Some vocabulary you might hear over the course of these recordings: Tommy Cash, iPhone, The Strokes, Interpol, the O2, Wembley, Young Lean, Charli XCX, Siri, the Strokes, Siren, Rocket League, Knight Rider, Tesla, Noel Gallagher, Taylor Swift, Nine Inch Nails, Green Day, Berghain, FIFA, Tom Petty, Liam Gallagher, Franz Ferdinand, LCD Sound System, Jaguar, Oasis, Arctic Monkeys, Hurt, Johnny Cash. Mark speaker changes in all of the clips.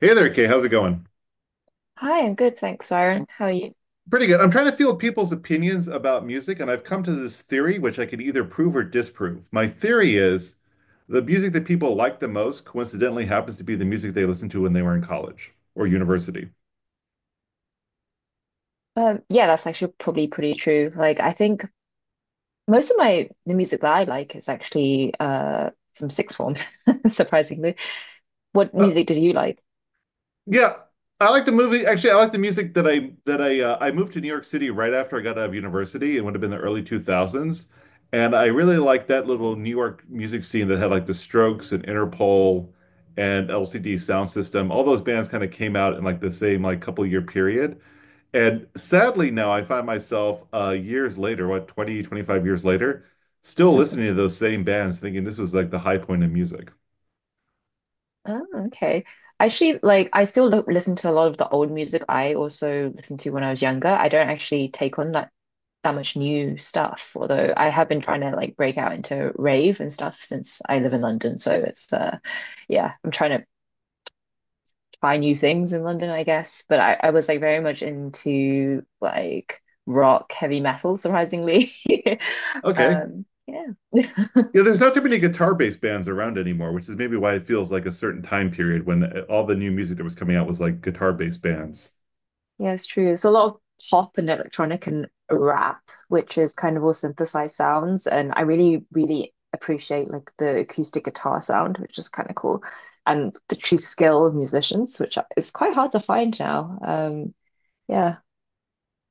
Speaker 1: Hey there, Kay. How's it going?
Speaker 2: Hi, I'm good, thanks, Siren. How are you?
Speaker 1: Pretty good. I'm trying to field people's opinions about music, and I've come to this theory, which I can either prove or disprove. My theory is the music that people like the most coincidentally happens to be the music they listened to when they were in college or university.
Speaker 2: Yeah, that's actually probably pretty true. Like, I think most of my the music that I like is actually from sixth form, surprisingly. What
Speaker 1: Uh,
Speaker 2: music did you like?
Speaker 1: Yeah, I like the movie. Actually, I like the music that I moved to New York City right after I got out of university. It would have been the early 2000s, and I really liked that little New York music scene that had like the Strokes and Interpol and LCD Sound System. All those bands kind of came out in like the same like couple year period. And sadly, now I find myself years later, what 20, 25 years later, still listening to those same bands, thinking this was like the high point of music.
Speaker 2: Oh, okay. Actually, like I still lo listen to a lot of the old music I also listened to when I was younger. I don't actually take on that much new stuff, although I have been trying to like break out into rave and stuff since I live in London. So it's yeah, I'm trying to try new things in London, I guess. But I was like very much into like rock, heavy metal, surprisingly.
Speaker 1: Okay.
Speaker 2: Um, yeah.
Speaker 1: Yeah, there's not too many guitar based bands around anymore, which is maybe why it feels like a certain time period when all the new music that was coming out was like guitar based bands.
Speaker 2: Yeah, it's true. It's a lot of pop and electronic and rap, which is kind of all synthesized sounds. And I really, really appreciate like the acoustic guitar sound, which is kind of cool. And the true skill of musicians, which is quite hard to find now. Yeah.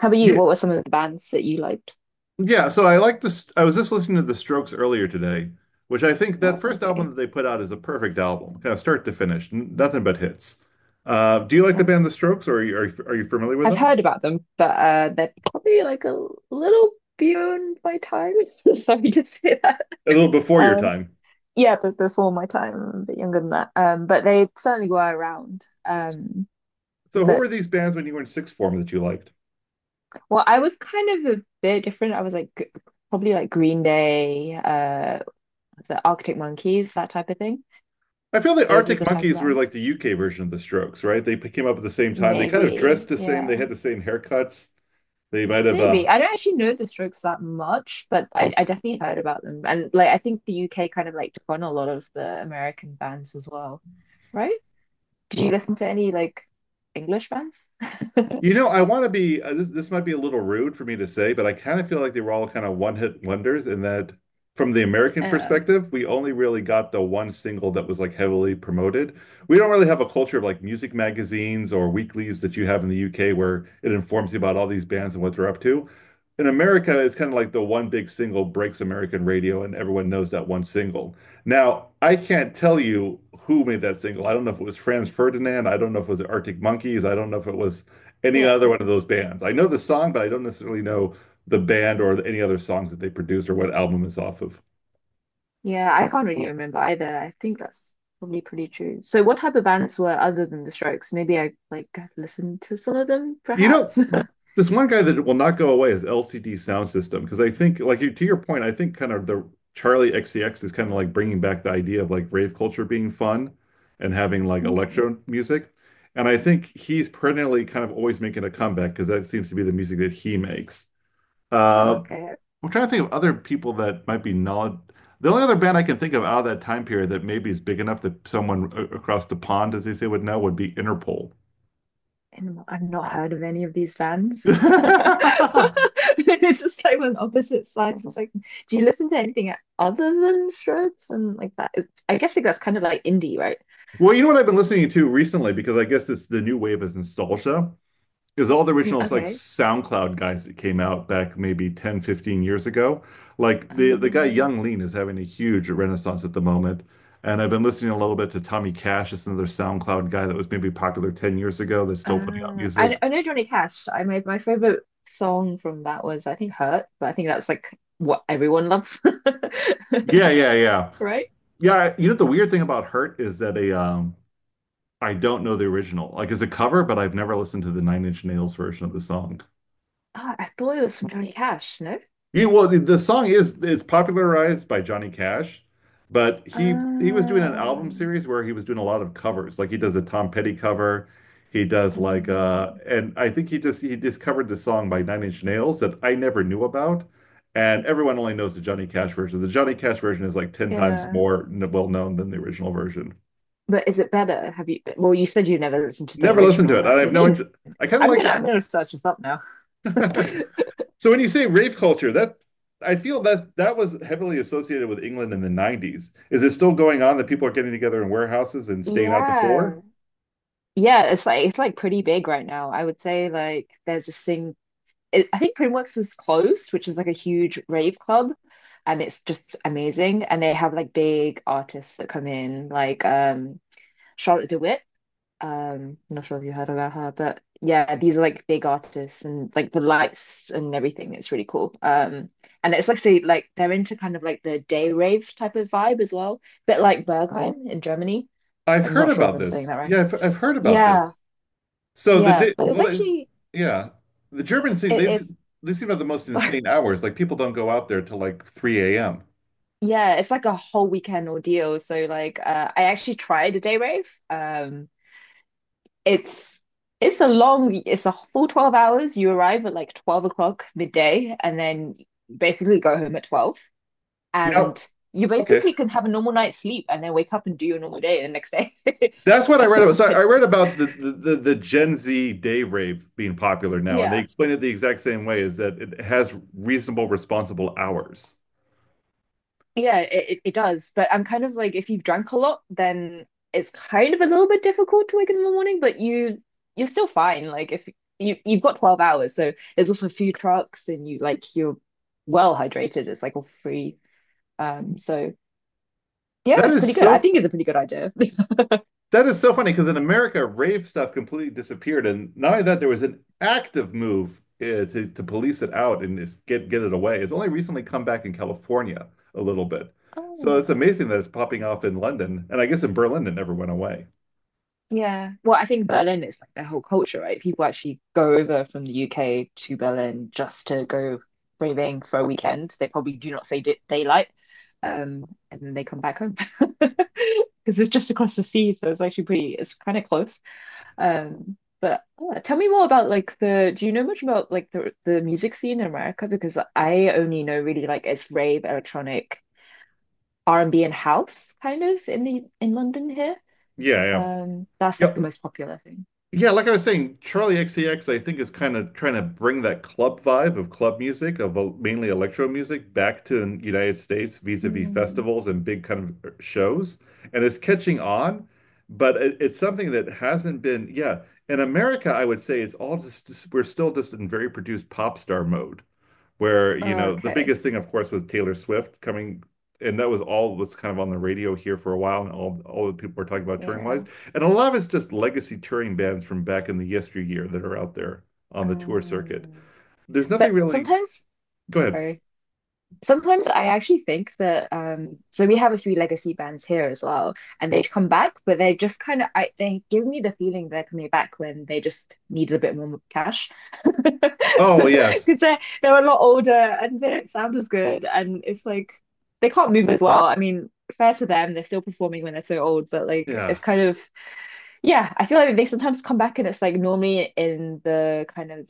Speaker 2: How about you?
Speaker 1: Yeah,
Speaker 2: What were some of the bands that you liked?
Speaker 1: yeah. So I like this. I was just listening to The Strokes earlier today, which I think
Speaker 2: Oh,
Speaker 1: that first album
Speaker 2: okay.
Speaker 1: that they put out is a perfect album, kind of start to finish, nothing but hits. Do you like the
Speaker 2: Yeah.
Speaker 1: band The Strokes, or are you familiar with
Speaker 2: I've
Speaker 1: them?
Speaker 2: heard about them, but they're probably like a little beyond my time. Sorry to say that.
Speaker 1: A little before your
Speaker 2: Um,
Speaker 1: time.
Speaker 2: yeah, but before my time, a bit younger than that. But they certainly were around.
Speaker 1: So who were
Speaker 2: But
Speaker 1: these bands when you were in sixth form that you liked?
Speaker 2: Well, I was kind of a bit different. I was like g- Probably like Green Day, the Arctic Monkeys, that type of thing.
Speaker 1: I feel the
Speaker 2: Those were
Speaker 1: Arctic
Speaker 2: the type of
Speaker 1: Monkeys were
Speaker 2: bands.
Speaker 1: like the UK version of the Strokes, right? Came up at the same time. They kind of
Speaker 2: Maybe,
Speaker 1: dressed the same.
Speaker 2: yeah.
Speaker 1: They had the same haircuts. They might have
Speaker 2: Maybe. I don't actually know the Strokes that much, but I definitely heard about them. And like I think the UK kind of like took on a lot of the American bands as well, right? Did you listen to any like English bands?
Speaker 1: you know, I want to be this might be a little rude for me to say, but I kind of feel like they were all kind of one-hit wonders in that from the American
Speaker 2: Uh,
Speaker 1: perspective, we only really got the one single that was like heavily promoted. We don't really have a culture of like music magazines or weeklies that you have in the UK where it informs you about all these bands and what they're up to. In America, it's kind of like the one big single breaks American radio and everyone knows that one single. Now, I can't tell you who made that single. I don't know if it was Franz Ferdinand. I don't know if it was the Arctic Monkeys. I don't know if it was any other
Speaker 2: yeah.
Speaker 1: one of those bands. I know the song, but I don't necessarily know the band or any other songs that they produced or what album it's off of.
Speaker 2: Yeah, I can't really remember either. I think that's probably pretty true. So what type of bands were other than the Strokes? Maybe I like listened to some of them,
Speaker 1: You know,
Speaker 2: perhaps.
Speaker 1: this one guy that will not go away is LCD Sound System because I think, like to your point, I think kind of the Charlie XCX is kind of like bringing back the idea of like rave culture being fun and having like
Speaker 2: Okay.
Speaker 1: electro music. And I think he's perennially kind of always making a comeback because that seems to be the music that he makes.
Speaker 2: Oh,
Speaker 1: Uh,
Speaker 2: okay.
Speaker 1: I'm trying to think of other people that might be knowledge. The only other band I can think of out of that time period that maybe is big enough that someone across the pond, as they say, would know would be Interpol.
Speaker 2: And I've not heard of any of these bands. It's just like on opposite sides. It's like, do you listen to anything other than Shreds and like that? Is, I guess like that's kind of like indie, right?
Speaker 1: Well, you know what I've been listening to recently because I guess it's the new wave is nostalgia is all the
Speaker 2: Mm,
Speaker 1: original like
Speaker 2: okay.
Speaker 1: SoundCloud guys that came out back maybe 10, 15 years ago. Like the guy
Speaker 2: Um,
Speaker 1: Young Lean is having a huge renaissance at the moment. And I've been listening a little bit to Tommy Cash, it's another SoundCloud guy that was maybe popular 10 years ago that's still putting out music.
Speaker 2: I know Johnny Cash. I My my favorite song from that was I think Hurt, but I think that's like what everyone loves,
Speaker 1: Yeah, yeah, yeah.
Speaker 2: right?
Speaker 1: Yeah, you know the weird thing about Hurt is that a I don't know the original. Like it's a cover, but I've never listened to the Nine Inch Nails version of the song.
Speaker 2: Ah, I thought it was from Johnny Cash. No.
Speaker 1: Yeah, well, the song is it's popularized by Johnny Cash, but he was doing an album
Speaker 2: Um,
Speaker 1: series where he was doing a lot of covers. Like he does a Tom Petty cover, he does like
Speaker 2: um,
Speaker 1: and I think he discovered the song by Nine Inch Nails that I never knew about. And everyone only knows the Johnny Cash version. The Johnny Cash version is like 10 times
Speaker 2: yeah.
Speaker 1: more well known than the original version.
Speaker 2: But is it better? Have you? Well, you said you never listened to the
Speaker 1: Never listened
Speaker 2: original,
Speaker 1: to it. I
Speaker 2: right? I
Speaker 1: have no
Speaker 2: mean,
Speaker 1: interest. I kind of liked it.
Speaker 2: I'm gonna search this up now.
Speaker 1: So when you say rave culture, that I feel that that was heavily associated with England in the 90s. Is it still going on that people are getting together in warehouses and staying out to four?
Speaker 2: Yeah. Yeah, it's like pretty big right now. I would say there's this thing. I think Primworks is closed, which is like a huge rave club, and it's just amazing. And they have like big artists that come in, like Charlotte DeWitt. I'm not sure if you heard about her, but yeah, these are like big artists and like the lights and everything. It's really cool. And it's actually like they're into kind of like the day rave type of vibe as well, bit like Berghain in Germany.
Speaker 1: I've
Speaker 2: I'm
Speaker 1: heard
Speaker 2: not sure if
Speaker 1: about
Speaker 2: I'm saying
Speaker 1: this.
Speaker 2: that right.
Speaker 1: I've heard about
Speaker 2: Yeah,
Speaker 1: this. So the
Speaker 2: yeah,
Speaker 1: day,
Speaker 2: but it's
Speaker 1: well, they,
Speaker 2: actually
Speaker 1: yeah, The Germans seem
Speaker 2: it,
Speaker 1: they
Speaker 2: it's
Speaker 1: they seem to have the most
Speaker 2: sorry.
Speaker 1: insane hours. Like people don't go out there till like 3 a.m.
Speaker 2: Yeah, it's like a whole weekend ordeal. So like, I actually tried a day rave. It's it's a long, it's a full 12 hours. You arrive at like 12 o'clock midday and then basically go home at 12.
Speaker 1: Now,
Speaker 2: And you
Speaker 1: okay,
Speaker 2: basically can have a normal night's sleep and then wake up and do your normal day the next day.
Speaker 1: that's what I read
Speaker 2: But
Speaker 1: about. So I read about the Gen Z day rave being popular now, and they
Speaker 2: yeah,
Speaker 1: explain it the exact same way, is that it has reasonable, responsible hours.
Speaker 2: it it does. But I'm kind of like, if you've drank a lot, then it's kind of a little bit difficult to wake up in the morning, but you're still fine. Like if you've got 12 hours, so there's also food trucks and you're well hydrated. It's like all free. Um, so Yeah,
Speaker 1: That
Speaker 2: it's
Speaker 1: is
Speaker 2: pretty good. I
Speaker 1: so
Speaker 2: think it's a pretty good idea.
Speaker 1: that is so funny because in America, rave stuff completely disappeared, and not only that, there was an active move to police it out and just get it away. It's only recently come back in California a little bit, so
Speaker 2: Oh,
Speaker 1: it's amazing that it's popping off in London, and I guess in Berlin it never went away.
Speaker 2: yeah. Well, I think Berlin is like their whole culture, right? People actually go over from the UK to Berlin just to go raving for a weekend. They probably do not say day daylight, um, and then they come back home because it's just across the sea, so it's actually pretty. It's kind of close. But tell me more about like the. Do you know much about like the music scene in America? Because I only know really like it's rave, electronic, R&B and house kind of in the in London here.
Speaker 1: Yeah, yeah,
Speaker 2: That's like
Speaker 1: yeah.
Speaker 2: the most popular thing.
Speaker 1: Yeah, like I was saying, Charlie XCX, I think, is kind of trying to bring that club vibe of club music, of mainly electro music, back to the United States vis-a-vis
Speaker 2: Mm,
Speaker 1: festivals and big kind of shows. And it's catching on, but it's something that hasn't been, yeah. In America, I would say it's we're still just in very produced pop star mode where, you know, the
Speaker 2: Okay,
Speaker 1: biggest thing, of course, was Taylor Swift coming. And that was all was kind of on the radio here for a while, and all the people were talking about touring
Speaker 2: yeah.
Speaker 1: wise. And a lot of it's just legacy touring bands from back in the yesteryear that are out there on the tour circuit.
Speaker 2: Um,
Speaker 1: There's
Speaker 2: but
Speaker 1: nothing really. Go ahead.
Speaker 2: sorry, sometimes I actually think that so we have a few legacy bands here as well, and they'd come back, but they just kind of, I they give me the feeling they're coming back when they just needed a bit more cash
Speaker 1: Oh, yes.
Speaker 2: because they're a lot older and they don't sound as good, and it's like they can't move as well. I mean, fair to them, they're still performing when they're so old, but like
Speaker 1: Yeah.
Speaker 2: it's kind of yeah, I feel like they sometimes come back, and it's like normally in the kind of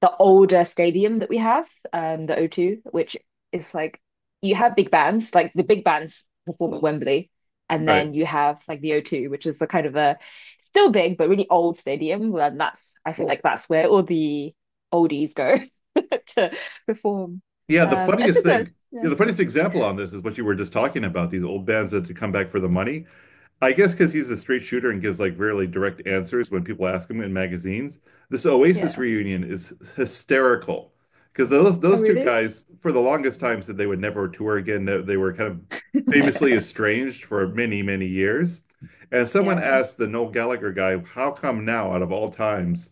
Speaker 2: the older stadium that we have, the O two, which is like you have big bands, like the big bands perform at Wembley, and then
Speaker 1: Right.
Speaker 2: you have like the O two, which is the kind of a still big but really old stadium. And that's, I feel like that's where all the oldies go to perform.
Speaker 1: Yeah. The
Speaker 2: It's
Speaker 1: funniest
Speaker 2: a good,
Speaker 1: thing,
Speaker 2: yeah,
Speaker 1: yeah, the funniest example on this is what you were just talking about, these old bands that to come back for the money. I guess because he's a straight shooter and gives like really direct answers when people ask him in magazines. This Oasis
Speaker 2: yeah.
Speaker 1: reunion is hysterical because those
Speaker 2: Oh,
Speaker 1: those two
Speaker 2: really?
Speaker 1: guys for the longest time said they would never tour again. They were kind of famously estranged for many, many years. And someone
Speaker 2: Yeah,
Speaker 1: asked the Noel Gallagher guy, "How come now, out of all times,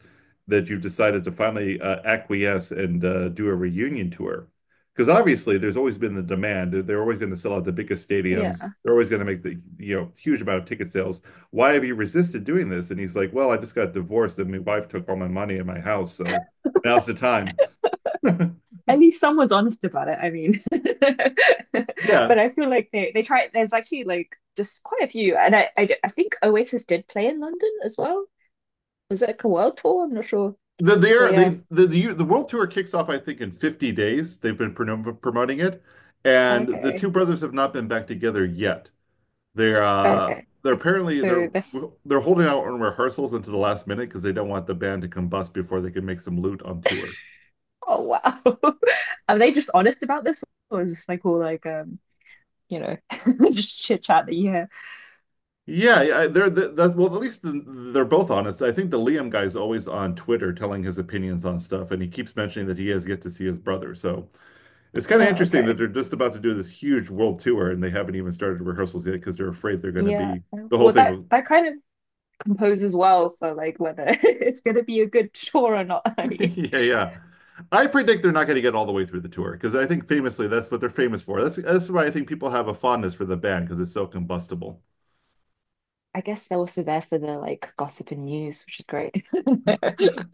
Speaker 1: that you've decided to finally acquiesce and do a reunion tour?" Because obviously there's always been the demand. They're always going to sell out the biggest stadiums.
Speaker 2: yeah.
Speaker 1: They're always going to make the you know huge amount of ticket sales. Why have you resisted doing this? And he's like, well, I just got divorced and my wife took all my money and my house, so now's the time.
Speaker 2: At least someone's honest about it. I mean,
Speaker 1: yeah.
Speaker 2: but I feel like they try. There's actually like just quite a few, and I think Oasis did play in London as well. Was it like a world tour? I'm not sure.
Speaker 1: The,
Speaker 2: But yeah,
Speaker 1: the, the world tour kicks off, I think, in 50 days. They've been promoting it. And the
Speaker 2: okay,
Speaker 1: two brothers have not been back together yet. They're, uh,
Speaker 2: okay.
Speaker 1: they're apparently,
Speaker 2: So this.
Speaker 1: they're holding out on rehearsals until the last minute because they don't want the band to combust before they can make some loot on tour.
Speaker 2: Oh wow, are they just honest about this, or is this like all like you know just chit chat that you hear?
Speaker 1: Yeah, yeah, they're the, that's Well, at least they're both honest. I think the Liam guy's always on Twitter telling his opinions on stuff, and he keeps mentioning that he has yet to see his brother. So it's kind
Speaker 2: Oh
Speaker 1: of interesting that
Speaker 2: okay,
Speaker 1: they're just about to do this huge world tour, and they haven't even started rehearsals yet because they're afraid they're going to
Speaker 2: yeah.
Speaker 1: be the whole
Speaker 2: Well,
Speaker 1: thing.
Speaker 2: that that kind of composes well for like whether it's gonna be a good tour or not. I mean.
Speaker 1: Yeah, yeah. I predict they're not going to get all the way through the tour because I think famously that's what they're famous for. That's why I think people have a fondness for the band because it's so combustible.
Speaker 2: I guess they're also there for the like gossip and news, which is great.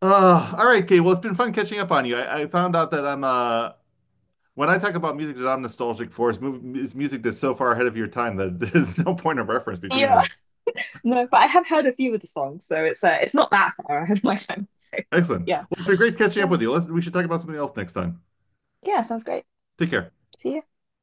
Speaker 1: All right, Kate. Well, it's been fun catching up on you. I found out that I'm when I talk about music that I'm nostalgic for, it's music that's so far ahead of your time that there's no point of reference between
Speaker 2: Yeah,
Speaker 1: us.
Speaker 2: no, but I have heard a few of the songs, so it's not that far. I have my time. So
Speaker 1: Excellent.
Speaker 2: yeah,
Speaker 1: Well, it's been great catching up
Speaker 2: yeah,
Speaker 1: with you. We should talk about something else next time.
Speaker 2: yeah, sounds great.
Speaker 1: Take care.
Speaker 2: See you.